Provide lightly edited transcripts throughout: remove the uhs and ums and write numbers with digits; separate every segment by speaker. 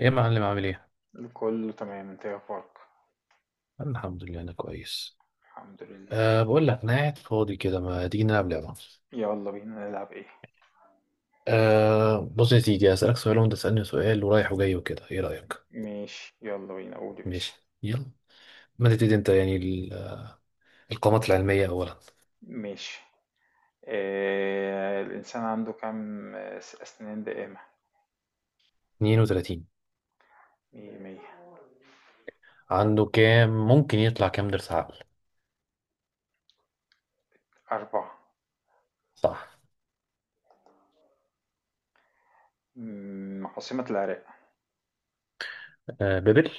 Speaker 1: ايه يا معلم، عامل ايه؟
Speaker 2: كله تمام. انت ايه اخبارك؟
Speaker 1: أنا الحمد لله انا كويس.
Speaker 2: الحمد لله.
Speaker 1: بقول لك انا قاعد فاضي كده، ما تيجي نلعب لعبة؟
Speaker 2: يلا بينا نلعب ايه؟
Speaker 1: بص يا سيدي، هسألك سؤال وانت تسألني سؤال، ورايح وجاي وكده، ايه رأيك؟
Speaker 2: ماشي، يلا بينا، قول يا باشا.
Speaker 1: ماشي يلا. ما تبتدي انت، يعني القامات العلمية اولا.
Speaker 2: ماشي. الانسان عنده كام اسنان دائمة؟
Speaker 1: 32.
Speaker 2: مية مية.
Speaker 1: عنده كام ممكن يطلع كام ضرس عقل؟
Speaker 2: أربعة.
Speaker 1: صح.
Speaker 2: عاصمة العراق.
Speaker 1: بابل.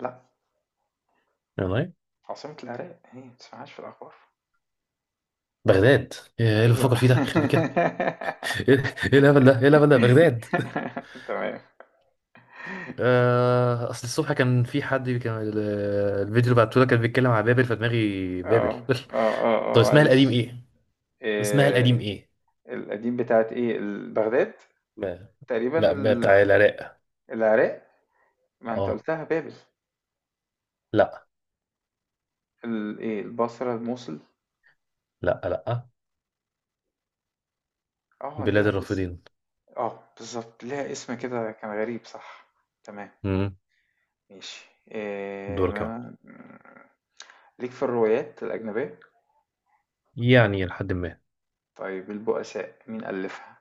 Speaker 2: لا.
Speaker 1: والله.
Speaker 2: عاصمة العراق هي ما تسمعهاش في الأخبار.
Speaker 1: بغداد. ايه اللي بفكر
Speaker 2: أيوة.
Speaker 1: فيه ده، يخرب بيه كده. ايه. إيه الهبل ده، بغداد.
Speaker 2: تمام.
Speaker 1: اصل الصبح كان في حد، كان الفيديو اللي بعته لك كان بيتكلم على بابل، فدماغي بابل.
Speaker 2: اه اه اه
Speaker 1: طب
Speaker 2: اه،
Speaker 1: اسمها
Speaker 2: معلش.
Speaker 1: القديم ايه؟ اسمها القديم
Speaker 2: آه،
Speaker 1: ايه
Speaker 2: القديم بتاعت ايه بغداد؟
Speaker 1: ما.
Speaker 2: تقريبا
Speaker 1: لا، ما
Speaker 2: ال...
Speaker 1: بتاع العراق.
Speaker 2: العراق. ما انت
Speaker 1: اه.
Speaker 2: قلتها بابل.
Speaker 1: لا.
Speaker 2: ايه، البصرة، الموصل؟
Speaker 1: لا لا.
Speaker 2: اه
Speaker 1: بلاد
Speaker 2: ليها اسم.
Speaker 1: الرافدين.
Speaker 2: اه، بالظبط، ليها اسم كده، كان غريب صح. تمام.
Speaker 1: امم.
Speaker 2: ماشي، إيه
Speaker 1: دورك يا عم.
Speaker 2: ما ليك في الروايات الأجنبية.
Speaker 1: يعني لحد ما.
Speaker 2: طيب، البؤساء مين ألفها؟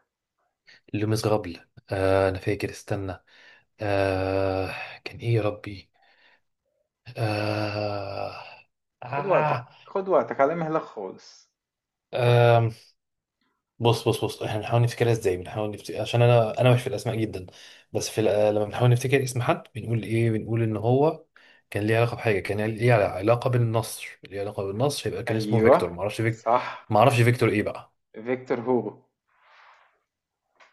Speaker 1: لمس غبل. انا فاكر، استنى. آه كان ايه يا ربي. آه
Speaker 2: خد وقتك،
Speaker 1: آه
Speaker 2: خد وقتك، على مهلك خالص. فكر.
Speaker 1: آه بص بص بص، احنا بنحاول نفتكرها ازاي، بنحاول نفتكر، عشان انا مش في الاسماء جدا. بس في الأ-. لما بنحاول نفتكر اسم حد بنقول ايه؟ بنقول ان هو كان ليه علاقه بحاجه، كان ليه علاقه بالنصر، ليه علاقه بالنصر، يبقى كان اسمه فيكتور،
Speaker 2: أيوه.
Speaker 1: ما اعرفش فيكتور.
Speaker 2: صح.
Speaker 1: ما اعرفش فيكتور ايه بقى.
Speaker 2: فيكتور هوجو.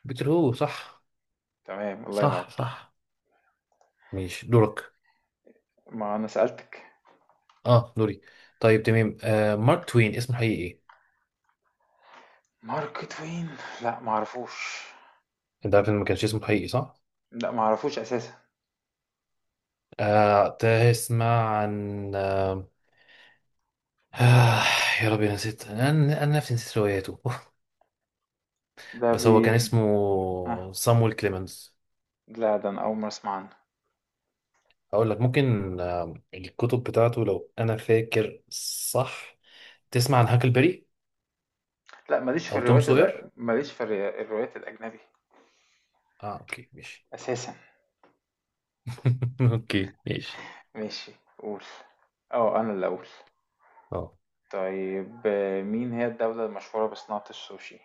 Speaker 1: فيكتور هو، صح.
Speaker 2: تمام، الله ينور.
Speaker 1: صح صح. ماشي، دورك.
Speaker 2: ما أنا سألتك.
Speaker 1: اه، دوري. طيب تمام، مارك توين اسمه الحقيقي ايه؟
Speaker 2: مارك توين. لا، معرفوش.
Speaker 1: انت عارف ان ما كانش اسمه الحقيقي، صح.
Speaker 2: لا، معرفوش أساسا.
Speaker 1: آه تسمع عن. آه، يا ربي، نسيت انا. انا نفسي نسيت رواياته.
Speaker 2: ده
Speaker 1: بس
Speaker 2: بي.
Speaker 1: هو كان
Speaker 2: ها.
Speaker 1: اسمه صامويل كليمنز.
Speaker 2: لا، ده انا اول مره اسمع عنه.
Speaker 1: هقول لك ممكن الكتب بتاعته لو انا فاكر. صح. تسمع عن هاكلبري.
Speaker 2: لا، ماليش في
Speaker 1: او توم
Speaker 2: الروايات
Speaker 1: سوير.
Speaker 2: الأ- ماليش في الر- الروايات الاجنبي
Speaker 1: اه اوكي ماشي.
Speaker 2: اساسا.
Speaker 1: اوكي ماشي.
Speaker 2: ماشي، قول. اه انا اللي اقول.
Speaker 1: اه،
Speaker 2: طيب، مين هي الدولة المشهورة بصناعة السوشي؟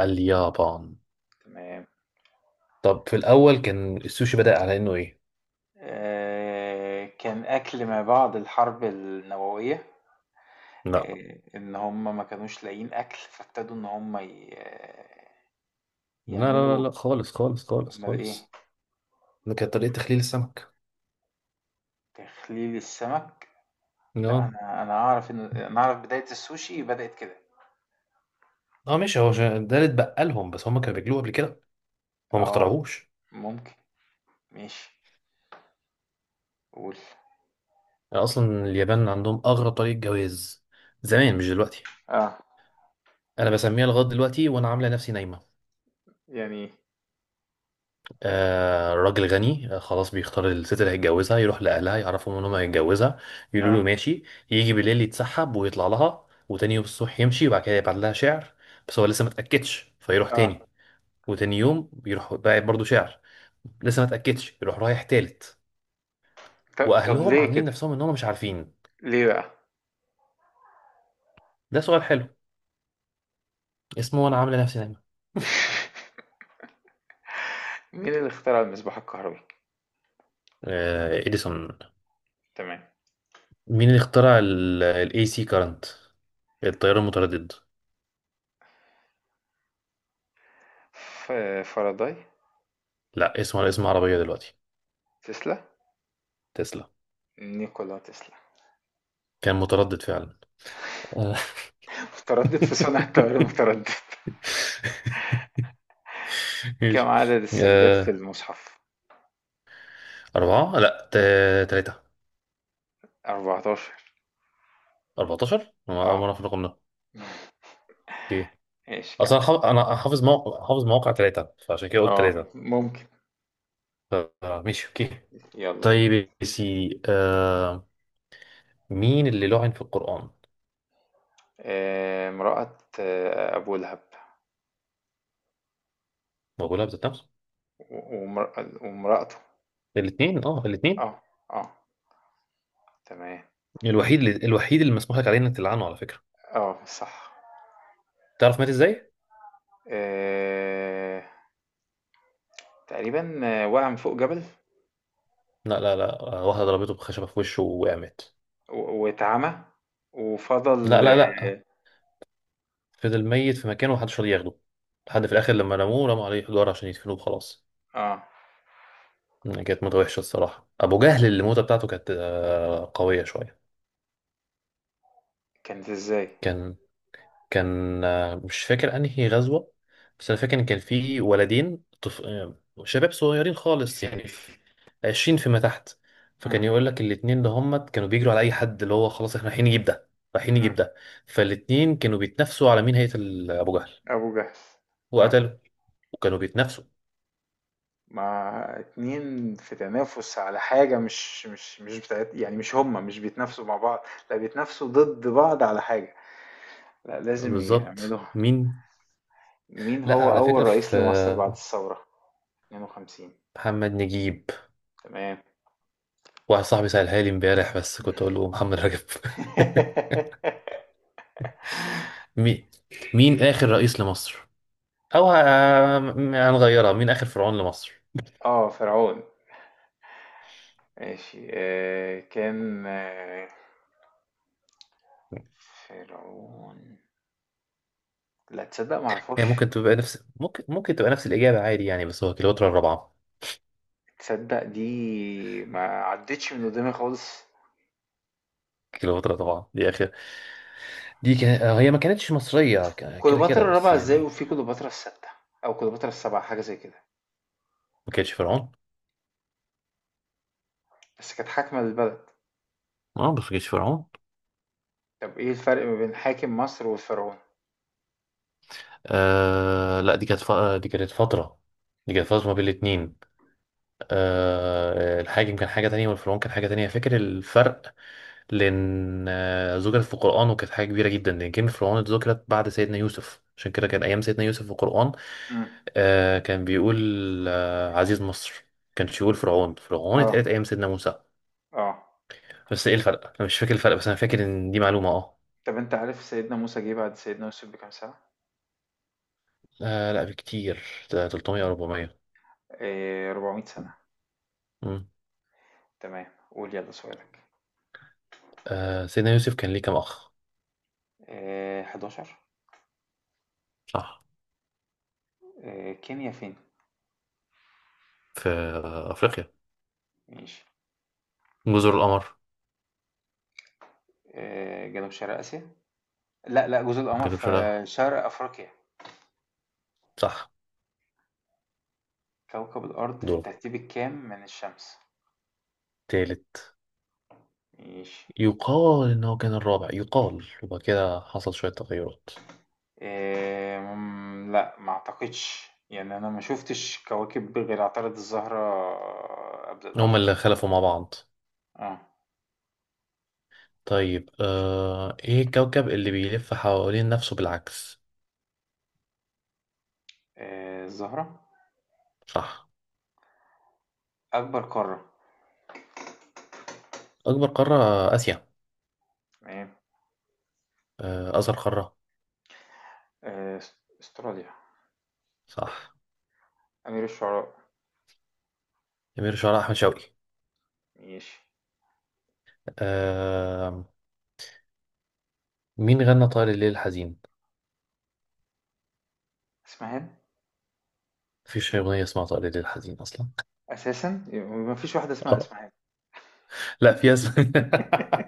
Speaker 1: اليابان.
Speaker 2: تمام.
Speaker 1: طب في الاول كان السوشي بدأ على انه ايه؟
Speaker 2: كان اكل ما بعد الحرب النووية.
Speaker 1: لا
Speaker 2: ان هم ما كانوش لاقيين اكل، فابتدوا ان هم
Speaker 1: لا لا لا
Speaker 2: يعملوا.
Speaker 1: لا، خالص خالص خالص
Speaker 2: امال ايه؟
Speaker 1: خالص. ده كانت طريقة تخليل السمك.
Speaker 2: تخليل السمك. لا،
Speaker 1: اه.
Speaker 2: انا اعرف ان انا اعرف بداية السوشي بدأت كده.
Speaker 1: اه ماشي، هو عشان ده اللي اتبقى لهم، بس هم كانوا بياكلوه قبل كده. هو ما
Speaker 2: اه
Speaker 1: اخترعوش.
Speaker 2: ممكن. ماشي، قول.
Speaker 1: يعني اصلا اليابان عندهم اغرب طريقه جواز. زمان، مش دلوقتي.
Speaker 2: اه،
Speaker 1: انا بسميها لغايه دلوقتي وانا عامله نفسي نايمه.
Speaker 2: يعني،
Speaker 1: راجل غني خلاص بيختار الست اللي هيتجوزها، يروح لاهلها يعرفهم ان هم هيتجوزها. يقولوا له
Speaker 2: اه
Speaker 1: ماشي. يجي بالليل يتسحب ويطلع لها، وتاني يوم الصبح يمشي، وبعد كده يبعت لها شعر. بس هو لسه ما اتاكدش فيروح
Speaker 2: اه.
Speaker 1: تاني. وتاني يوم بيروح باعت برضه شعر. لسه ما اتاكدش، يروح رايح تالت.
Speaker 2: طب
Speaker 1: واهلهم
Speaker 2: ليه
Speaker 1: عاملين
Speaker 2: كده؟
Speaker 1: نفسهم ان هم مش عارفين.
Speaker 2: ليه بقى؟
Speaker 1: ده سؤال حلو. اسمه وانا عامله نفسي نايمه.
Speaker 2: مين اللي اخترع المصباح الكهربي؟
Speaker 1: اديسون.
Speaker 2: تمام.
Speaker 1: مين اللي اخترع ال AC current، التيار المتردد.
Speaker 2: فاراداي.
Speaker 1: لا، اسمه على اسم عربية دلوقتي.
Speaker 2: تسلا.
Speaker 1: تسلا.
Speaker 2: نيكولا تسلا.
Speaker 1: كان متردد فعلا. آه.
Speaker 2: متردد في صنع التيار المتردد. كم
Speaker 1: ماشي
Speaker 2: عدد السجدات في
Speaker 1: آه،
Speaker 2: المصحف؟
Speaker 1: أربعة، لا تلاتة.
Speaker 2: 14.
Speaker 1: 14، أنا أول مرة
Speaker 2: اه،
Speaker 1: في الرقم ده. أوكي.
Speaker 2: ماشي، كمل.
Speaker 1: أصلا حافظ، أنا حافظ موقع، حافظ مواقع 3، فعشان كده قلت
Speaker 2: اه،
Speaker 1: تلاتة.
Speaker 2: ممكن.
Speaker 1: ماشي، أوكي.
Speaker 2: يلا بينا.
Speaker 1: طيب يا سيدي، مين اللي لعن في القرآن؟
Speaker 2: امرأة أبو لهب.
Speaker 1: موجودة بذات نفسه؟
Speaker 2: ومرأته.
Speaker 1: الاثنين،
Speaker 2: اه اه. تمام.
Speaker 1: الوحيد اللي مسموح لك عليه انك تلعنه، على فكرة.
Speaker 2: آه، صح.
Speaker 1: تعرف مات ازاي؟
Speaker 2: آآ تقريبًا وقع من فوق جبل.
Speaker 1: لا لا لا، واحدة ضربته بخشبة في وشه وقامت.
Speaker 2: واتعمى.
Speaker 1: لا
Speaker 2: وفضل
Speaker 1: لا لا.
Speaker 2: آه.
Speaker 1: فضل ميت في مكانه، ومحدش راضي ياخده. لحد في الآخر، لما رموه رموا عليه حجارة عشان يدفنوه وخلاص.
Speaker 2: آه.
Speaker 1: كانت موتة وحشة الصراحة. أبو جهل اللي الموتة بتاعته كانت قوية شوية.
Speaker 2: كانت إزاي؟
Speaker 1: كان كان مش فاكر انهي غزوة. بس انا فاكر ان كان في ولدين طف... آه، شباب صغيرين خالص، يعني 20 فيما تحت.
Speaker 2: إمم.
Speaker 1: فكان يقول لك الاتنين ده، هم كانوا بيجروا على اي حد اللي هو خلاص احنا رايحين نجيب ده. رايحين نجيب
Speaker 2: إمم.
Speaker 1: ده. فالاتنين كانوا بيتنافسوا على مين هيقتل ابو جهل.
Speaker 2: أبو جهل. آه.
Speaker 1: وقتلوا. وكانوا بيتنافسوا.
Speaker 2: ما 2 في تنافس على حاجة، مش بتاعت، يعني مش هُم، مش بيتنافسوا مع بعض. لأ، بيتنافسوا ضد بعض على حاجة. لأ لازم
Speaker 1: بالظبط،
Speaker 2: يعملوا.
Speaker 1: مين.
Speaker 2: مين
Speaker 1: لا
Speaker 2: هو
Speaker 1: على
Speaker 2: أول
Speaker 1: فكرة
Speaker 2: رئيس
Speaker 1: في،
Speaker 2: لمصر بعد الثورة؟ 52.
Speaker 1: محمد نجيب.
Speaker 2: تمام.
Speaker 1: واحد صاحبي سألها لي امبارح، بس كنت اقول له محمد رجب. مين. مين اخر رئيس لمصر، او هنغيرها، مين اخر فرعون لمصر.
Speaker 2: فرعون. ماشي، كان فرعون. لا، تصدق
Speaker 1: هي
Speaker 2: معرفوش.
Speaker 1: ممكن تبقى نفس، ممكن تبقى نفس الاجابه عادي يعني، بس هو كليوباترا الرابعه.
Speaker 2: تصدق دي ما عدتش من قدامي خالص.
Speaker 1: كليوباترا طبعا، دي اخر. دي كان... آه، هي ما كانتش مصريه، كده
Speaker 2: كليوباترا
Speaker 1: كده بس
Speaker 2: الرابعة ازاي
Speaker 1: يعني.
Speaker 2: وفي كليوباترا الستة؟ أو كليوباترا السبعة، حاجة زي كده.
Speaker 1: ما كانتش فرعون.
Speaker 2: بس كانت حاكمة للبلد.
Speaker 1: اه، بس ما كانتش فرعون.
Speaker 2: طب ايه الفرق ما بين حاكم مصر والفرعون؟
Speaker 1: لا، دي كانت فتره دي كانت فتره ما بين الاتنين. الحاجم كان حاجة تانية، والفرعون كان حاجة تانية، فاكر الفرق. لأن ذكرت في القرآن، وكانت حاجة كبيرة جدا، لأن كلمة فرعون اتذكرت بعد سيدنا يوسف، عشان كده كان أيام سيدنا يوسف في القرآن.
Speaker 2: امم.
Speaker 1: كان بيقول عزيز مصر، كانش يقول فرعون. فرعون
Speaker 2: اه،
Speaker 1: اتقالت أيام سيدنا موسى.
Speaker 2: اه.
Speaker 1: بس إيه الفرق؟ أنا مش فاكر الفرق، بس أنا فاكر إن دي معلومة.
Speaker 2: طب انت عارف سيدنا موسى جه بعد سيدنا يوسف بكام سنة؟
Speaker 1: لا، بكتير. ده 300 أو 400.
Speaker 2: 400 سنة.
Speaker 1: مم.
Speaker 2: تمام، قول يلا سؤالك.
Speaker 1: سيدنا يوسف كان ليه كام أخ؟
Speaker 2: 11.
Speaker 1: صح.
Speaker 2: كينيا فين؟
Speaker 1: في أفريقيا.
Speaker 2: ماشي.
Speaker 1: جزر القمر.
Speaker 2: جنوب شرق آسيا. لأ، لأ، جزر القمر
Speaker 1: جنوب شرق.
Speaker 2: في شرق أفريقيا.
Speaker 1: صح.
Speaker 2: كوكب الأرض في
Speaker 1: دور.
Speaker 2: الترتيب الكام من الشمس؟
Speaker 1: تالت.
Speaker 2: ماشي.
Speaker 1: يقال إن هو كان الرابع، يقال، وبعد كده حصل شوية تغيرات.
Speaker 2: لأ ما أعتقدش، يعني أنا ما شُفتش كواكب غير عطارد، الزهرة قبل الأرض.
Speaker 1: هما اللي خلفوا مع بعض.
Speaker 2: آه،
Speaker 1: طيب
Speaker 2: ماشي.
Speaker 1: إيه الكوكب اللي بيلف حوالين نفسه بالعكس؟
Speaker 2: الزهرة.
Speaker 1: صح.
Speaker 2: أكبر قارة.
Speaker 1: أكبر قارة. آسيا.
Speaker 2: تمام.
Speaker 1: أصغر قارة.
Speaker 2: أس أستراليا.
Speaker 1: صح.
Speaker 2: أمير الشعراء.
Speaker 1: أمير شعراء أحمد شوقي.
Speaker 2: ماشي.
Speaker 1: آه. مين غنى طائر الليل الحزين؟
Speaker 2: إسماعيلية.
Speaker 1: مفيش أغنية اسمها طائر الليل الحزين أصلا.
Speaker 2: أساسًا! ما فيش واحدة اسمها
Speaker 1: آه
Speaker 2: إسماعيلية.
Speaker 1: لا، في اسم.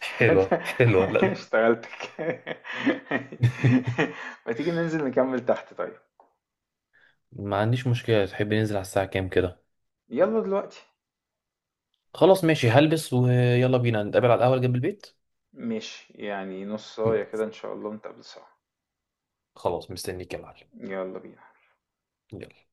Speaker 2: انت.
Speaker 1: حلوة حلوة، لا.
Speaker 2: اشتغلتك. ما تيجي ننزل نكمل تحت طيب؟
Speaker 1: ما عنديش مشكلة، تحب ننزل على الساعة كام كده؟
Speaker 2: يلا دلوقتي.
Speaker 1: خلاص ماشي، هلبس ويلا بينا نتقابل على القهوة اللي جنب البيت.
Speaker 2: ماشي، يعني نص
Speaker 1: مم.
Speaker 2: ساعة كده ان شاء الله نتقابل سوا.
Speaker 1: خلاص، مستنيك يا معلم.
Speaker 2: يلا بينا.
Speaker 1: يلا.